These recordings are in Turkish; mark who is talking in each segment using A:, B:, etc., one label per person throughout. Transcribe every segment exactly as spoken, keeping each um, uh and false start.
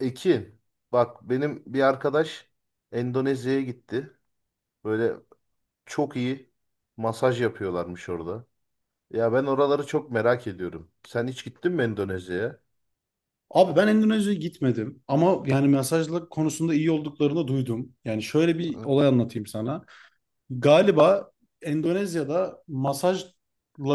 A: Ekin, bak benim bir arkadaş Endonezya'ya gitti. Böyle çok iyi masaj yapıyorlarmış orada. Ya ben oraları çok merak ediyorum. Sen hiç gittin mi Endonezya'ya?
B: Abi ben Endonezya'ya gitmedim ama yani mesajlık konusunda iyi olduklarını duydum. Yani şöyle bir
A: Hı.
B: olay anlatayım sana. Galiba Endonezya'da masajla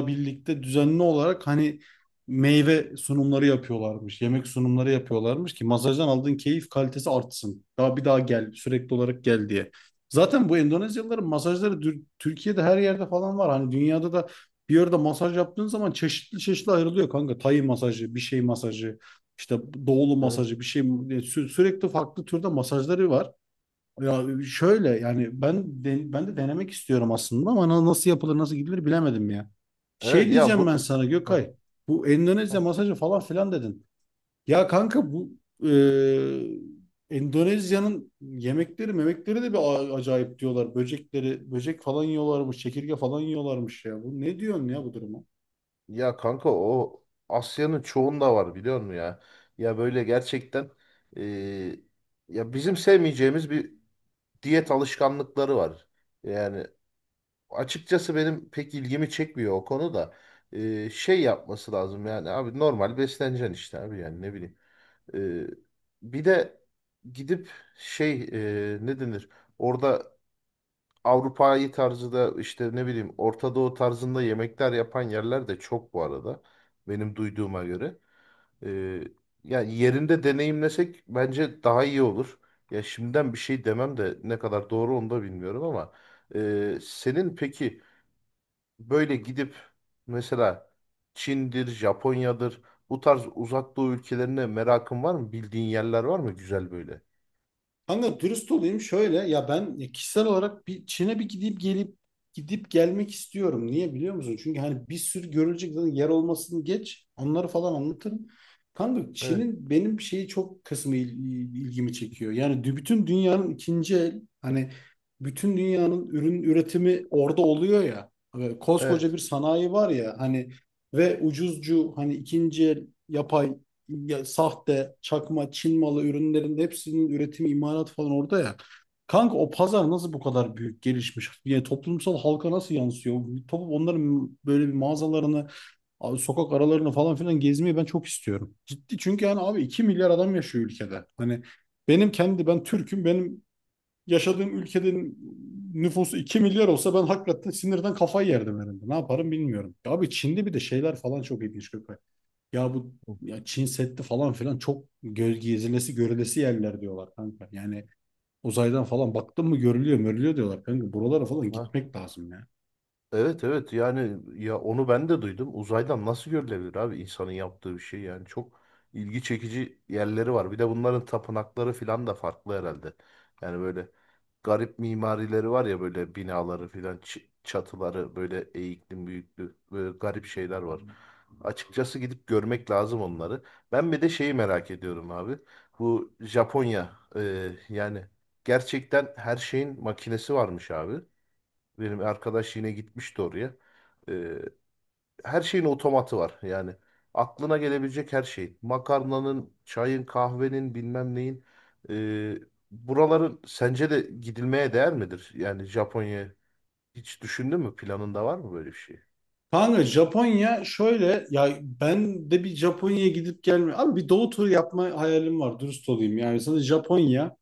B: birlikte düzenli olarak hani meyve sunumları yapıyorlarmış, yemek sunumları yapıyorlarmış ki masajdan aldığın keyif kalitesi artsın. Daha bir daha gel, sürekli olarak gel diye. Zaten bu Endonezyalıların masajları dür- Türkiye'de her yerde falan var. Hani dünyada da bir yerde masaj yaptığın zaman çeşitli çeşitli ayrılıyor kanka. Tay masajı, bir şey masajı, işte doğulu
A: Evet.
B: masajı, bir şey e, sü- sürekli farklı türde masajları var. Ya şöyle yani ben de- ben de denemek istiyorum aslında ama na- nasıl yapılır nasıl gidilir bilemedim ya.
A: Evet
B: Şey
A: ya
B: diyeceğim ben
A: bu.
B: sana
A: Hı,
B: Gökay. Bu Endonezya
A: hı.
B: masajı falan filan dedin. Ya kanka bu e, Endonezya'nın yemekleri memekleri de bir a- acayip diyorlar. Böcekleri böcek falan yiyorlarmış, çekirge falan yiyorlarmış ya. Bu ne diyorsun ya bu duruma?
A: ya kanka o Asya'nın çoğunda var biliyor musun ya? Ya böyle gerçekten, eee, ya bizim sevmeyeceğimiz bir diyet alışkanlıkları var. Yani açıkçası benim pek ilgimi çekmiyor o konuda. Ee, şey yapması lazım yani abi, normal besleneceksin işte abi, yani ne bileyim. Ee, Bir de gidip şey, e, ne denir? Orada Avrupa'yı tarzı da işte ne bileyim, Orta Doğu tarzında yemekler yapan yerler de çok bu arada. Benim duyduğuma göre. Ee, Yani yerinde deneyimlesek bence daha iyi olur. Ya şimdiden bir şey demem de ne kadar doğru onu da bilmiyorum ama. E, senin peki böyle gidip mesela Çin'dir, Japonya'dır, bu tarz uzak doğu ülkelerine merakın var mı? Bildiğin yerler var mı güzel böyle?
B: Kanka dürüst olayım şöyle ya ben kişisel olarak bir Çin'e bir gidip gelip gidip gelmek istiyorum. Niye biliyor musun? Çünkü hani bir sürü görülecek zaten yer olmasını geç onları falan anlatırım. Kanka
A: Evet,
B: Çin'in benim şeyi çok kısmı il- il- ilgimi çekiyor. Yani dü- bütün dünyanın ikinci el hani bütün dünyanın ürün üretimi orada oluyor ya. Ve koskoca
A: evet.
B: bir sanayi var ya hani ve ucuzcu hani ikinci el yapay ya, sahte, çakma, Çin malı ürünlerin hepsinin üretimi, imalat falan orada ya. Kanka o pazar nasıl bu kadar büyük gelişmiş? Yani toplumsal halka nasıl yansıyor? Toplum onların böyle bir mağazalarını, abi sokak aralarını falan filan gezmeyi ben çok istiyorum. Ciddi çünkü yani abi iki milyar adam yaşıyor ülkede. Hani benim kendi ben Türk'üm. Benim yaşadığım ülkenin nüfusu iki milyar olsa ben hakikaten sinirden kafayı yerdim herhalde. Ne yaparım bilmiyorum. Ya abi Çin'de bir de şeyler falan çok ilginç Gökay. Ya bu ya Çin Seddi falan filan çok göz gezilesi görülesi yerler diyorlar kanka. Yani uzaydan falan baktın mı görülüyor mörülüyor diyorlar kanka. Buralara falan
A: Hı.
B: gitmek lazım ya.
A: Evet, evet yani, ya onu ben de duydum. Uzaydan nasıl görülebilir abi insanın yaptığı bir şey, yani çok ilgi çekici yerleri var. Bir de bunların tapınakları filan da farklı herhalde. Yani böyle garip mimarileri var ya, böyle binaları filan ç- çatıları böyle eğikli büyüklü, böyle garip şeyler var. Açıkçası gidip görmek lazım onları. Ben bir de şeyi merak ediyorum abi. Bu Japonya, e, yani gerçekten her şeyin makinesi varmış abi. Benim arkadaş yine gitmişti oraya. Ee, Her şeyin otomatı var yani. Aklına gelebilecek her şeyin. Makarnanın, çayın, kahvenin, bilmem neyin. Ee, Buraların sence de gidilmeye değer midir? Yani Japonya, hiç düşündün mü? Planında var mı böyle bir şey?
B: Kanka Japonya şöyle ya ben de bir Japonya'ya gidip gelme. Abi bir doğu turu yapma hayalim var dürüst olayım. Yani sana Japonya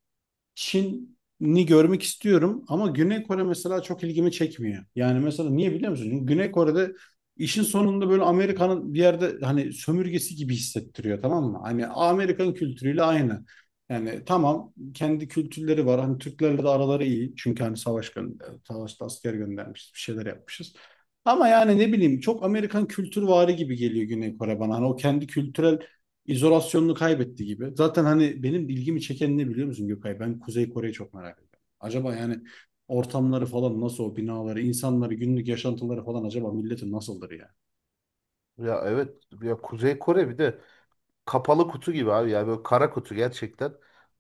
B: Çin'i görmek istiyorum ama Güney Kore mesela çok ilgimi çekmiyor. Yani mesela niye biliyor musun? Çünkü Güney Kore'de işin sonunda böyle Amerika'nın bir yerde hani sömürgesi gibi hissettiriyor, tamam mı? Hani Amerikan kültürüyle aynı. Yani tamam kendi kültürleri var. Hani Türklerle de araları iyi. Çünkü hani savaş gönder, savaşta asker göndermişiz, bir şeyler yapmışız. Ama yani ne bileyim çok Amerikan kültürvari gibi geliyor Güney Kore bana. Hani o kendi kültürel izolasyonunu kaybetti gibi. Zaten hani benim ilgimi çeken ne biliyor musun Gökay? Ben Kuzey Kore'yi çok merak ediyorum. Acaba yani ortamları falan nasıl, o binaları, insanları, günlük yaşantıları falan acaba milletin nasıldır yani?
A: Ya evet, ya Kuzey Kore bir de. Kapalı kutu gibi abi ya, böyle kara kutu gerçekten.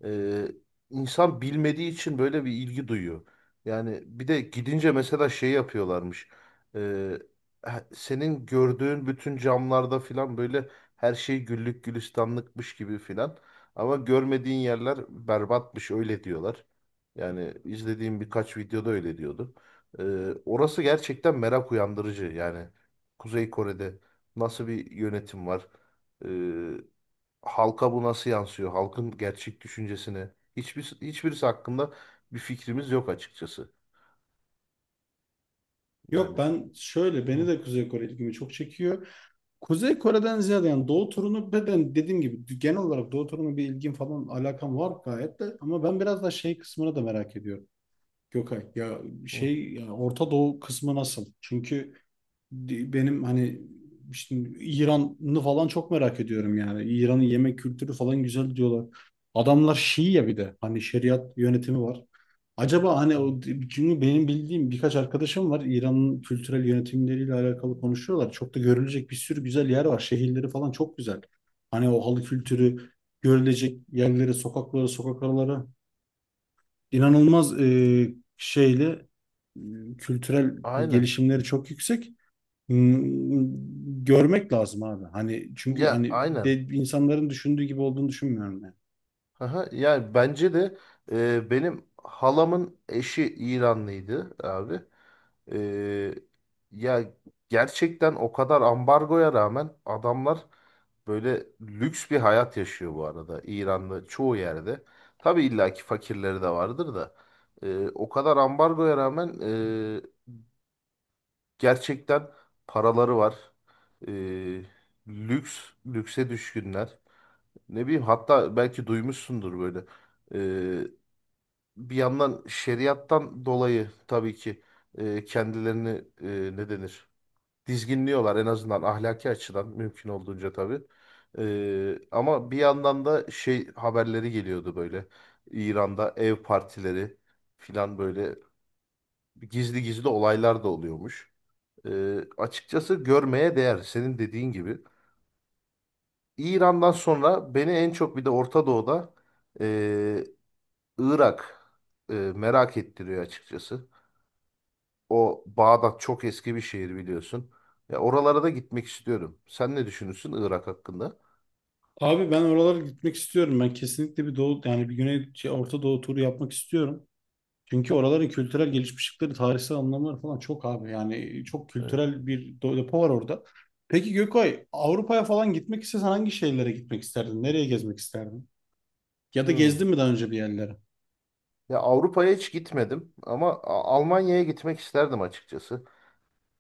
A: Ee, insan bilmediği için böyle bir ilgi duyuyor. Yani bir de gidince mesela şey yapıyorlarmış. Ee, he- Senin gördüğün bütün camlarda filan böyle her şey güllük gülistanlıkmış gibi filan. Ama görmediğin yerler berbatmış, öyle diyorlar. Yani izlediğim birkaç videoda öyle diyordu. Ee, Orası gerçekten merak uyandırıcı. Yani Kuzey Kore'de nasıl bir yönetim var? Ee, Halka bu nasıl yansıyor? Halkın gerçek düşüncesini. Hiçbir, hiçbirisi hakkında bir fikrimiz yok açıkçası.
B: Yok
A: Yani.
B: ben şöyle beni
A: Hı,
B: de Kuzey Kore ilgimi çok çekiyor. Kuzey Kore'den ziyade yani Doğu turunu ve ben dediğim gibi genel olarak Doğu turuna bir ilgim falan alakam var gayet de ama ben biraz da şey kısmına da merak ediyorum. Gökay ya
A: hı,
B: şey ya Orta Doğu kısmı nasıl? Çünkü di- benim hani işte İran'ı falan çok merak ediyorum yani. İran'ın yemek kültürü falan güzel diyorlar. Adamlar Şii ya bir de hani şeriat yönetimi var. Acaba hani
A: hı.
B: o çünkü benim bildiğim birkaç arkadaşım var, İran'ın kültürel yönetimleriyle alakalı konuşuyorlar. Çok da görülecek bir sürü güzel yer var. Şehirleri falan çok güzel. Hani o halı kültürü, görülecek yerleri, sokakları, sokak araları inanılmaz e, şeyle e, kültürel
A: Aynen.
B: gelişimleri çok yüksek. Hmm, görmek lazım abi. Hani çünkü
A: Ya
B: hani
A: aynen.
B: de, insanların düşündüğü gibi olduğunu düşünmüyorum yani.
A: Aha, yani bence de, e, benim halamın eşi İranlıydı abi. E, Ya gerçekten o kadar ambargoya rağmen adamlar böyle lüks bir hayat yaşıyor bu arada İran'da çoğu yerde. Tabii illaki fakirleri de vardır da, e, o kadar ambargoya rağmen e, gerçekten paraları var. E, Lüks, lükse düşkünler. Ne bileyim, hatta belki duymuşsundur böyle. Bir yandan şeriattan dolayı tabii ki e, kendilerini, e, ne denir? Dizginliyorlar en azından, ahlaki açıdan mümkün olduğunca tabii. E, ama bir yandan da şey haberleri geliyordu böyle. İran'da ev partileri filan, böyle gizli gizli olaylar da oluyormuş. E, Açıkçası görmeye değer senin dediğin gibi. İran'dan sonra beni en çok bir de Orta Doğu'da, e, Irak e, merak ettiriyor açıkçası. O Bağdat çok eski bir şehir biliyorsun. Ya oralara da gitmek istiyorum. Sen ne düşünürsün Irak hakkında?
B: Abi ben oralara gitmek istiyorum. Ben kesinlikle bir doğu yani bir güney şey, Orta Doğu turu yapmak istiyorum. Çünkü oraların kültürel gelişmişlikleri, tarihsel anlamları falan çok abi. Yani çok
A: Evet.
B: kültürel bir do- depo var orada. Peki Gökay, Avrupa'ya falan gitmek istesen hangi şehirlere gitmek isterdin? Nereye gezmek isterdin? Ya da
A: Hmm.
B: gezdin mi daha önce bir yerlere?
A: Ya Avrupa'ya hiç gitmedim ama A- Almanya'ya gitmek isterdim açıkçası,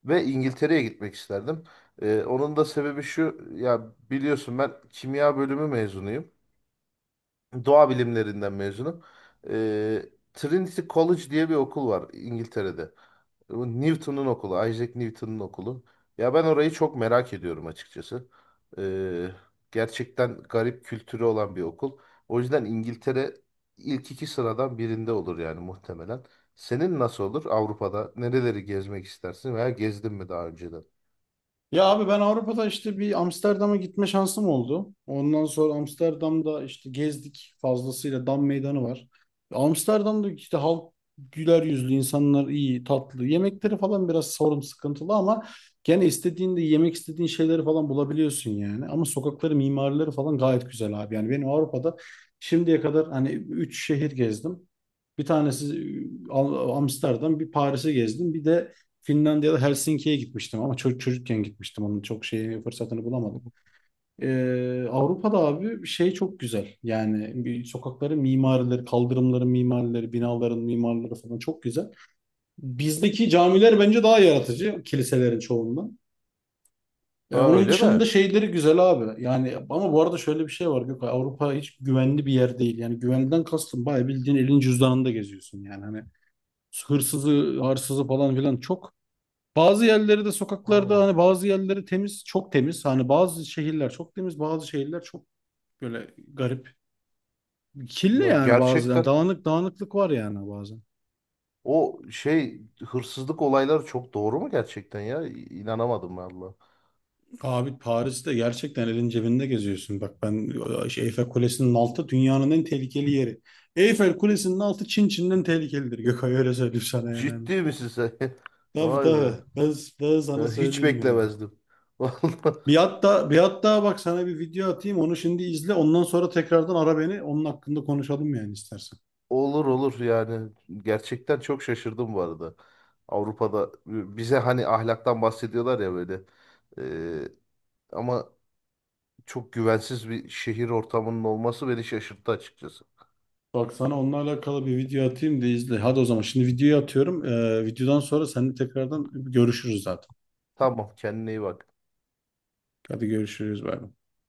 A: ve İngiltere'ye gitmek isterdim. Ee, onun da sebebi şu ya, biliyorsun ben kimya bölümü mezunuyum. Doğa bilimlerinden mezunum. Ee, Trinity College diye bir okul var İngiltere'de. Bu Newton'un okulu, Isaac Newton'un okulu. Ya ben orayı çok merak ediyorum açıkçası. Ee, Gerçekten garip kültürü olan bir okul. O yüzden İngiltere ilk iki sıradan birinde olur yani muhtemelen. Senin nasıl olur Avrupa'da? Nereleri gezmek istersin veya gezdin mi daha önceden?
B: Ya abi ben Avrupa'da işte bir Amsterdam'a gitme şansım oldu. Ondan sonra Amsterdam'da işte gezdik fazlasıyla, Dam Meydanı var. Amsterdam'da işte halk güler yüzlü, insanlar iyi, tatlı. Yemekleri falan biraz sorun sıkıntılı ama gene istediğinde yemek istediğin şeyleri falan bulabiliyorsun yani. Ama sokakları, mimarileri falan gayet güzel abi. Yani benim Avrupa'da şimdiye kadar hani üç şehir gezdim. Bir tanesi e, Al- Amsterdam, bir Paris'i gezdim. Bir de Finlandiya'da Helsinki'ye gitmiştim ama çocuk çocukken gitmiştim. Onun çok şeyi fırsatını bulamadım. Ee, Avrupa'da abi şey çok güzel. Yani bir sokakların mimarileri, kaldırımların mimarileri, binaların mimarları falan çok güzel. Bizdeki camiler bence daha yaratıcı kiliselerin çoğundan.
A: Ha,
B: Ee, onun
A: öyle mi?
B: dışında şeyleri güzel abi. Yani ama bu arada şöyle bir şey var Gökay. Avrupa hiç güvenli bir yer değil. Yani güvenden kastım bayağı bildiğin elin cüzdanında geziyorsun yani. Hani hırsızı, hırsızı falan filan çok. Bazı yerleri de
A: Aa,
B: sokaklarda hani bazı yerleri temiz, çok temiz. Hani bazı şehirler çok temiz, bazı şehirler çok böyle garip. Kirli
A: ya
B: yani, bazı yani
A: gerçekten
B: dağınık, dağınıklık var yani bazen.
A: o şey, hırsızlık olayları çok doğru mu gerçekten ya? İ- İnanamadım vallahi.
B: Abi Paris'te gerçekten elin cebinde geziyorsun. Bak ben şey, Eyfel Kulesi'nin altı dünyanın en tehlikeli yeri. Eyfel Kulesi'nin altı Çin Çin'den tehlikelidir. Gökay öyle söyleyeyim sana yani. Hani.
A: Ciddi misin sen?
B: Tabii,
A: Vay
B: tabii.
A: be.
B: Ben, ben sana
A: Ya hiç
B: söyleyeyim yani.
A: beklemezdim. Vallahi
B: Bir hatta bir hatta bak sana bir video atayım, onu şimdi izle ondan sonra tekrardan ara beni, onun hakkında konuşalım yani istersen.
A: olur, olur yani. Gerçekten çok şaşırdım bu arada. Avrupa'da, e, bize hani ahlaktan bahsediyorlar ya böyle. Ee, Ama çok güvensiz bir şehir ortamının olması beni şaşırttı açıkçası.
B: Bak sana onunla alakalı bir video atayım da izle. Hadi o zaman şimdi videoyu atıyorum. Ee, videodan sonra seninle tekrardan görüşürüz zaten.
A: Tamam, kendine iyi bak.
B: Hadi görüşürüz. Bay bay.